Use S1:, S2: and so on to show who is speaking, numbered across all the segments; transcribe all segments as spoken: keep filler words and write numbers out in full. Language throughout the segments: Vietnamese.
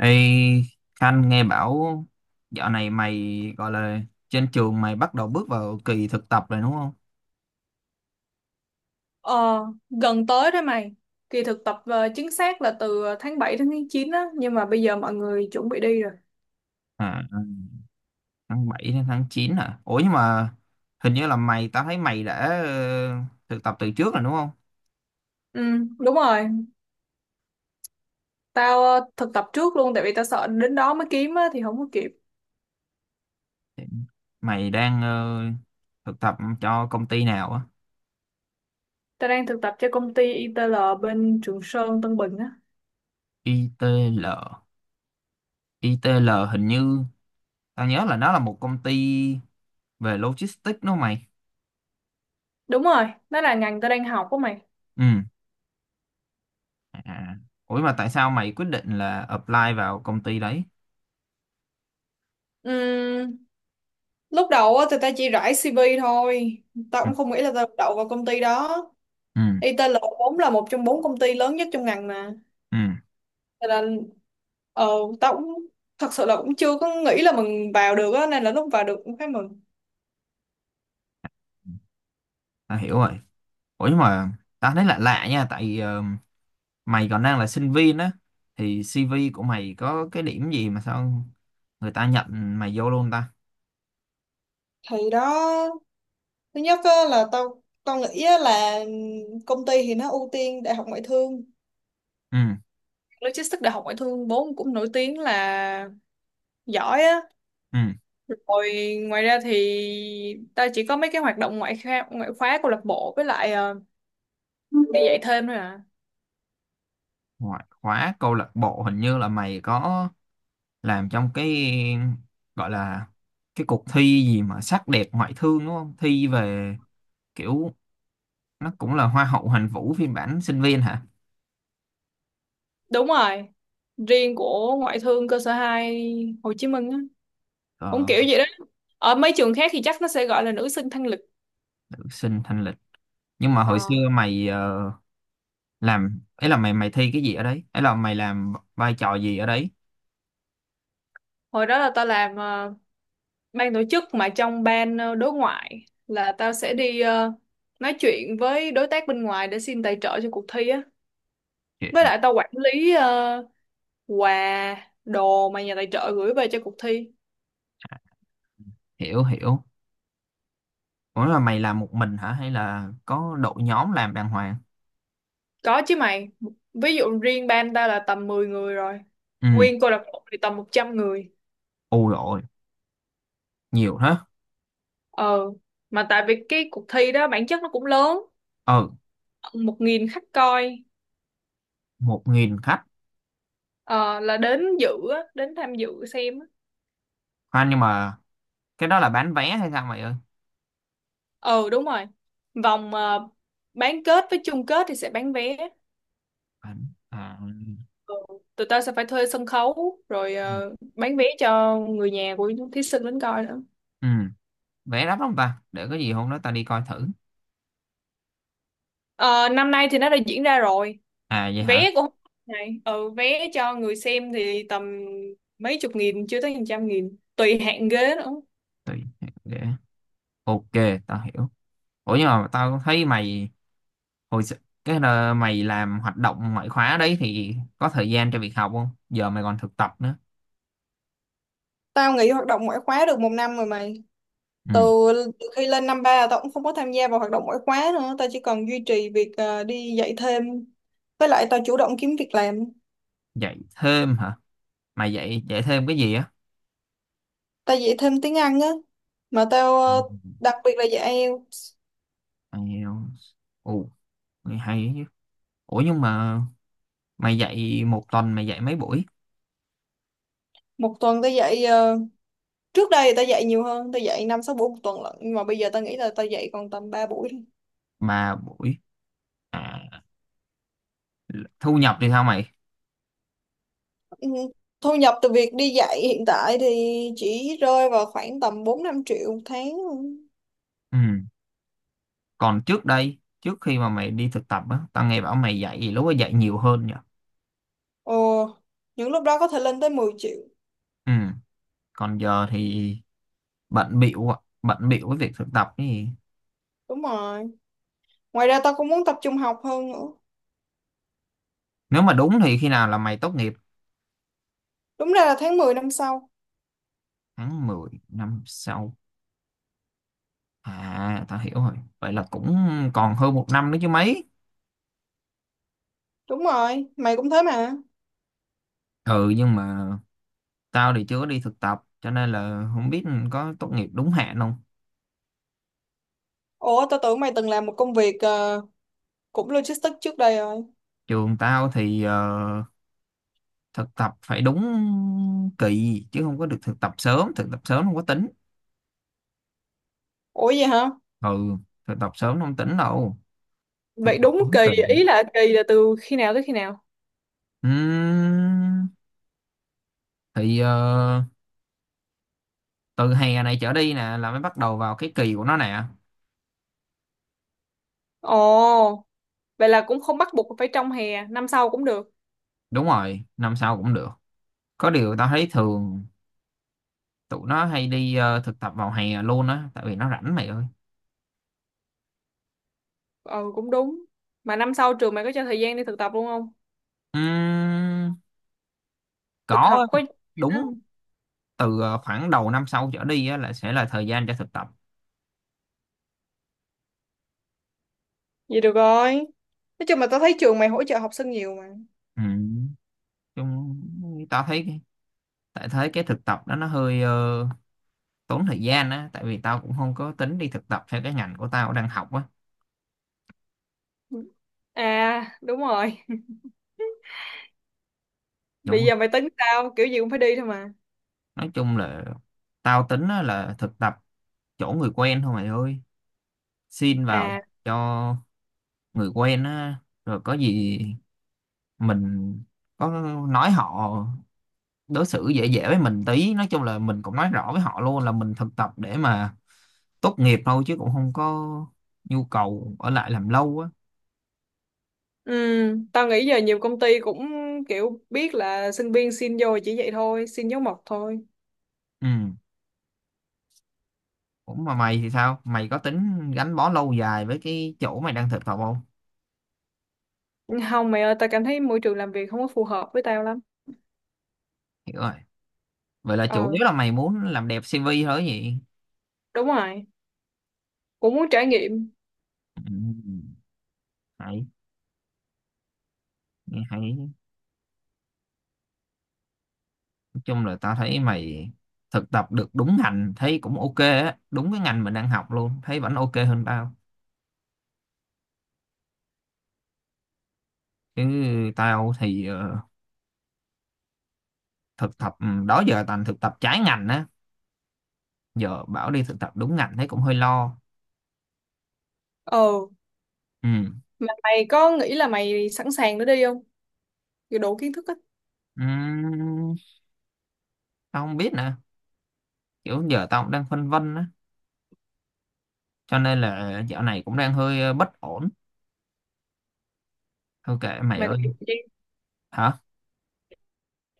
S1: Ê, Khanh nghe bảo dạo này mày gọi là trên trường mày bắt đầu bước vào kỳ thực tập rồi đúng không?
S2: Ờ, gần tới đó mày. Kỳ thực tập ờ, chính xác là từ ờ, tháng bảy đến tháng chín á, nhưng mà bây giờ mọi người chuẩn bị đi rồi.
S1: À, ừ, tháng bảy đến tháng chín à? Ủa nhưng mà hình như là mày, tao thấy mày đã ờ, thực tập từ trước rồi đúng không?
S2: Ừ, đúng rồi. Tao ờ, thực tập trước luôn tại vì tao sợ đến đó mới kiếm á thì không có kịp.
S1: Thì mày đang ờ, thực tập cho công ty nào á?
S2: Tao đang thực tập cho công ty ai ti eo bên Trường Sơn, Tân Bình á.
S1: i ti eo. i ti eo hình như tao nhớ là nó là một công ty về logistics đúng không mày?
S2: Đúng rồi, đó là ngành tao đang học á mày.
S1: Ừ. À. Ủa mà tại sao mày quyết định là apply vào công ty đấy?
S2: Ừm, lúc đầu á thì tao chỉ rải xê vê thôi. Tao
S1: Ừ.
S2: cũng không nghĩ là tao đậu vào công ty đó.
S1: Ừ.
S2: i tê lờ vốn là một trong bốn công ty lớn nhất trong ngành mà.
S1: Ừ.
S2: Cho nên ờ, tao cũng thật sự là cũng chưa có nghĩ là mình vào được á nên là lúc vào được cũng khá mừng.
S1: Ta hiểu rồi. Ủa nhưng mà ta thấy lạ lạ nha, tại ờ, mày còn đang là sinh viên á, thì xê vê của mày có cái điểm gì mà sao người ta nhận mày vô luôn ta.
S2: Thì đó, thứ nhất á, là tao tao nghĩ á, là công ty thì nó ưu tiên đại học ngoại thương.
S1: Ừ.
S2: Logistics đại học ngoại thương vốn cũng nổi tiếng là giỏi á.
S1: Ừ.
S2: Rồi ngoài ra thì tao chỉ có mấy cái hoạt động ngoại khóa, ngoại khóa câu lạc bộ với lại ờ, đi dạy thêm thôi à.
S1: Ngoại khóa câu lạc bộ hình như là mày có làm trong cái gọi là cái cuộc thi gì mà sắc đẹp ngoại thương đúng không, thi về kiểu nó cũng là hoa hậu hoàn vũ phiên bản sinh viên hả?
S2: Đúng rồi, riêng của ngoại thương cơ sở hai Hồ Chí Minh á.
S1: Ờ,
S2: Cũng kiểu vậy đó, ở mấy trường khác thì chắc nó sẽ gọi là nữ sinh thanh lịch.
S1: nữ sinh thanh lịch. Nhưng mà hồi xưa
S2: Ờ,
S1: mày ờ, làm ấy là mày mày thi cái gì ở đấy, ấy là mày làm vai trò gì ở đấy?
S2: hồi đó là tao làm ờ, ban tổ chức, mà trong ban ờ, đối ngoại là tao sẽ đi ờ, nói chuyện với đối tác bên ngoài để xin tài trợ cho cuộc thi á.
S1: Chuyện-
S2: Với lại tao quản lý ờ, quà đồ mà nhà tài trợ gửi về cho cuộc thi.
S1: Hiểu hiểu. Ủa là mày làm một mình hả hay là có đội nhóm làm đàng hoàng?
S2: Có chứ mày. Ví dụ riêng ban tao là tầm mười người rồi.
S1: Ừ.
S2: Nguyên câu lạc bộ thì tầm một trăm người.
S1: Ù rồi, nhiều thế.
S2: Ờ mà tại vì cái cuộc thi đó bản chất nó cũng lớn,
S1: Ừ,
S2: một nghìn khách coi.
S1: một nghìn khách.
S2: Ờ, là đến dự á, đến tham dự xem á.
S1: Khoan nhưng mà cái đó là bán vé hay sao mày ơi?
S2: Ừ đúng rồi, vòng ờ, bán kết với chung kết thì sẽ bán vé.
S1: Bán à.
S2: Ừ. Tụi tao sẽ phải thuê sân khấu rồi
S1: Ừ.
S2: ờ, bán vé cho người nhà của thí sinh đến coi nữa.
S1: Ừ, vé đắt không ta, để có gì hôm đó tao đi coi thử.
S2: Ờ, năm nay thì nó đã diễn ra rồi.
S1: À vậy hả?
S2: Vé cũng này, ừ, vé cho người xem thì tầm mấy chục nghìn chưa tới hàng trăm nghìn tùy hạng ghế nữa.
S1: Thì để, ok, tao hiểu. Ủa nhưng mà tao thấy mày hồi s- cái là mày làm hoạt động ngoại khóa đấy thì có thời gian cho việc học không, giờ mày còn thực tập nữa.
S2: Tao nghỉ hoạt động ngoại khóa được một năm rồi mày.
S1: Ừ.
S2: Từ từ khi lên năm ba là tao cũng không có tham gia vào hoạt động ngoại khóa nữa, tao chỉ còn duy trì việc ờ, đi dạy thêm với lại tao chủ động kiếm việc làm.
S1: Dạy thêm hả? Mày dạy dạy thêm cái gì á?
S2: Tao dạy thêm tiếng Anh á, mà tao ờ, đặc biệt là dạy IELTS.
S1: Ừ. Mày, ồ, mày hay ấy chứ. Ủa nhưng mà mày dạy một tuần mày dạy mấy buổi?
S2: Một tuần tao dạy ờ, trước đây tao dạy nhiều hơn, tao dạy năm sáu buổi một tuần lận nhưng mà bây giờ tao nghĩ là tao dạy còn tầm ba buổi thôi.
S1: Ba buổi à. Thu nhập thì sao mày?
S2: Ừ, thu nhập từ việc đi dạy hiện tại thì chỉ rơi vào khoảng tầm bốn năm triệu một tháng thôi.
S1: Ừ. Còn trước đây, trước khi mà mày đi thực tập á, tao nghe bảo mày dạy lúc đó dạy nhiều hơn nhỉ.
S2: Ồ, những lúc đó có thể lên tới mười triệu.
S1: Ừ. Còn giờ thì bận bịu ạ, bận bịu với việc thực tập ấy.
S2: Đúng rồi. Ngoài ra tao cũng muốn tập trung học hơn nữa.
S1: Nếu mà đúng thì khi nào là mày tốt nghiệp?
S2: Đúng ra là tháng mười năm sau.
S1: Tháng mười năm sau. À tao hiểu rồi. Vậy là cũng còn hơn một năm nữa chứ mấy.
S2: Đúng rồi, mày cũng thế mà.
S1: Ừ nhưng mà tao thì chưa có đi thực tập, cho nên là không biết có tốt nghiệp đúng hạn không.
S2: Ủa, tao tưởng mày từng làm một công việc ờ, cũng logistics trước đây rồi.
S1: Trường tao thì ờ, thực tập phải đúng kỳ chứ không có được thực tập sớm, thực tập sớm không có tính.
S2: Ủa vậy hả?
S1: Ừ, thực tập sớm không tính đâu. Thực
S2: Vậy
S1: tập
S2: đúng
S1: đúng
S2: kỳ,
S1: kỳ.
S2: ý là kỳ là từ khi nào tới khi nào?
S1: Ừm, thì ờ, từ hè này trở đi nè là mới bắt đầu vào cái kỳ của nó nè.
S2: Ồ, vậy là cũng không bắt buộc phải trong hè, năm sau cũng được.
S1: Đúng rồi, năm sau cũng được. Có điều tao thấy thường tụi nó hay đi ờ, thực tập vào hè luôn á, tại vì nó rảnh mày ơi.
S2: Ừ, cũng đúng. Mà năm sau trường mày có cho thời gian đi thực tập luôn không?
S1: Ừm,
S2: Thực học
S1: có.
S2: có...
S1: Đúng, từ ờ, khoảng đầu năm sau trở đi á là sẽ là thời gian cho thực tập.
S2: Vậy được rồi. Nói chung là tao thấy trường mày hỗ trợ học sinh nhiều mà.
S1: Ừm, chung tao thấy cái- tại thấy cái thực tập đó nó hơi ờ, tốn thời gian á, tại vì tao cũng không có tính đi thực tập theo cái ngành của tao đang học á.
S2: À, đúng rồi.
S1: Đúng
S2: Bây
S1: không?
S2: giờ mày tính sao? Kiểu gì cũng phải đi thôi mà.
S1: Nói chung là tao tính á, là thực tập chỗ người quen thôi mày ơi. Xin vào
S2: À,
S1: cho người quen á, rồi có gì mình có nói họ đối xử dễ dễ với mình tí, nói chung là mình cũng nói rõ với họ luôn là mình thực tập để mà tốt nghiệp thôi chứ cũng không có nhu cầu ở lại làm lâu á.
S2: ừ, tao nghĩ giờ nhiều công ty cũng kiểu biết là sinh viên xin vô chỉ vậy thôi, xin dấu mộc thôi.
S1: Ừ, cũng mà mày thì sao, mày có tính gắn bó lâu dài với cái chỗ mày đang thực tập không?
S2: Không mày ơi, tao cảm thấy môi trường làm việc không có phù hợp với tao lắm.
S1: Hiểu rồi. Vậy là chủ
S2: Ờ,
S1: yếu là mày muốn làm đẹp xê vê thôi gì?
S2: đúng rồi, cũng muốn trải nghiệm.
S1: Ừ. Hay, nghe hay, chung là tao thấy mày thực tập được đúng ngành thấy cũng ok á, đúng cái ngành mình đang học luôn, thấy vẫn ok hơn tao. Chứ tao thì ờ, thực tập ừ, đó giờ toàn thực tập trái ngành á, giờ bảo đi thực tập đúng ngành thấy cũng hơi lo.
S2: Ờ,
S1: Ừ.
S2: mà mày có nghĩ là mày sẵn sàng để đi không? Kiểu đủ kiến thức á,
S1: Ừm, Tao không biết nè, kiểu giờ tao cũng đang phân vân á, cho nên là dạo này cũng đang hơi ờ, bất ổn. Thôi kệ mày
S2: mày còn
S1: ơi.
S2: nhiều thời gian,
S1: Hả?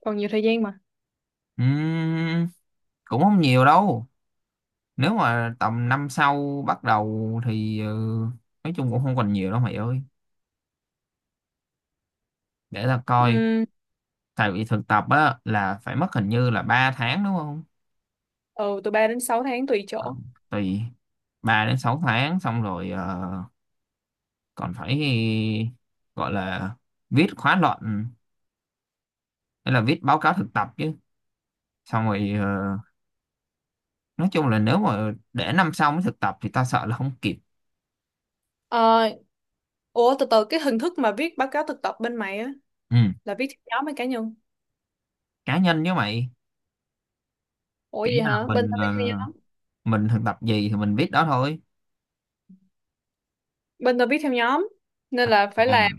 S2: còn nhiều thời gian mà.
S1: Ừm, Cũng không nhiều đâu, nếu mà tầm năm sau bắt đầu thì ờ, nói chung cũng không còn nhiều đâu mày ơi, để ta coi.
S2: Ừ,
S1: Tại vì thực tập á là phải mất hình như là ba tháng đúng không.
S2: ừ, từ ba đến sáu tháng tùy
S1: Ờ,
S2: chỗ.
S1: tùy. ba đến sáu tháng xong rồi ờ, còn phải gọi là viết khóa luận hay là viết báo cáo thực tập chứ, xong rồi ờ, nói chung là nếu mà để năm sau mới thực tập thì ta sợ là không kịp.
S2: Ờ, ủa từ từ cái hình thức mà viết báo cáo thực tập bên mày á,
S1: Ừ.
S2: là viết theo nhóm hay cá nhân?
S1: Cá nhân với mày.
S2: Ủa
S1: Kiểu như
S2: gì
S1: là
S2: hả? Bên
S1: mình
S2: tao viết
S1: ờ,
S2: theo nhóm.
S1: mình thực tập gì thì mình viết đó thôi.
S2: Bên tôi biết theo nhóm nên là phải
S1: À,
S2: làm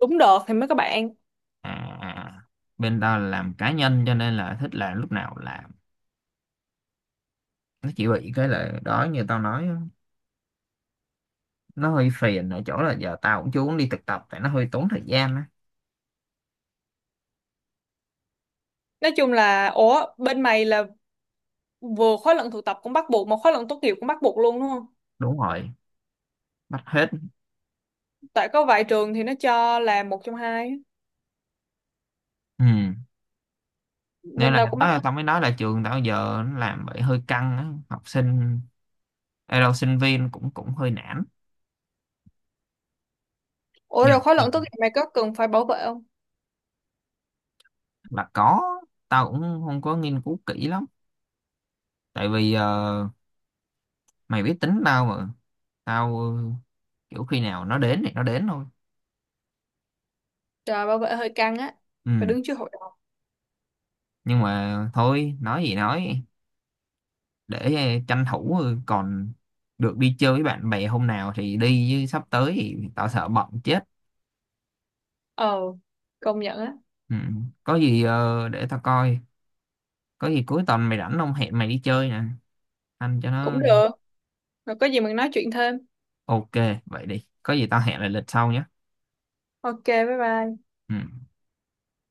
S2: đúng đợt thì mới có bạn.
S1: à, à. Bên tao là làm cá nhân cho nên là thích là lúc nào là, nó chỉ bị cái là đó như tao nói á, nó hơi phiền ở chỗ là giờ tao cũng chưa muốn đi thực tập tại nó hơi tốn thời gian á.
S2: Nói chung là, ủa bên mày là vừa khóa luận thực tập cũng bắt buộc mà khóa luận tốt nghiệp cũng bắt buộc luôn đúng không?
S1: Đúng rồi, bắt hết.
S2: Tại có vài trường thì nó cho là một trong hai á.
S1: Ừ nên
S2: Bên
S1: là
S2: tao cũng bắt
S1: đó,
S2: hết.
S1: tao mới nói là trường tao giờ nó làm vậy hơi căng á học sinh, ê đâu sinh viên cũng cũng hơi nản.
S2: Ủa
S1: Nhưng
S2: rồi khóa luận tốt nghiệp mày có cần phải bảo vệ không?
S1: là có, tao cũng không có nghiên cứu kỹ lắm, tại vì ờ, mày biết tính tao mà. Tao ờ, kiểu khi nào nó đến thì nó đến thôi.
S2: Trời bảo vệ hơi căng á,
S1: Ừ
S2: phải đứng trước hội đồng.
S1: nhưng mà thôi nói gì nói, để ờ, tranh thủ ờ, còn được đi chơi với bạn bè hôm nào thì đi chứ sắp tới thì tao sợ bận chết.
S2: Ờ, công nhận á.
S1: Ừ. Có gì ờ, để tao coi, có gì cuối tuần mày rảnh không, hẹn mày đi chơi nè. Anh cho
S2: Cũng
S1: nó,
S2: được rồi, có gì mình nói chuyện thêm.
S1: ok. Vậy đi, có gì tao hẹn lại lịch sau nhé.
S2: Ok, bye bye.
S1: Ừ.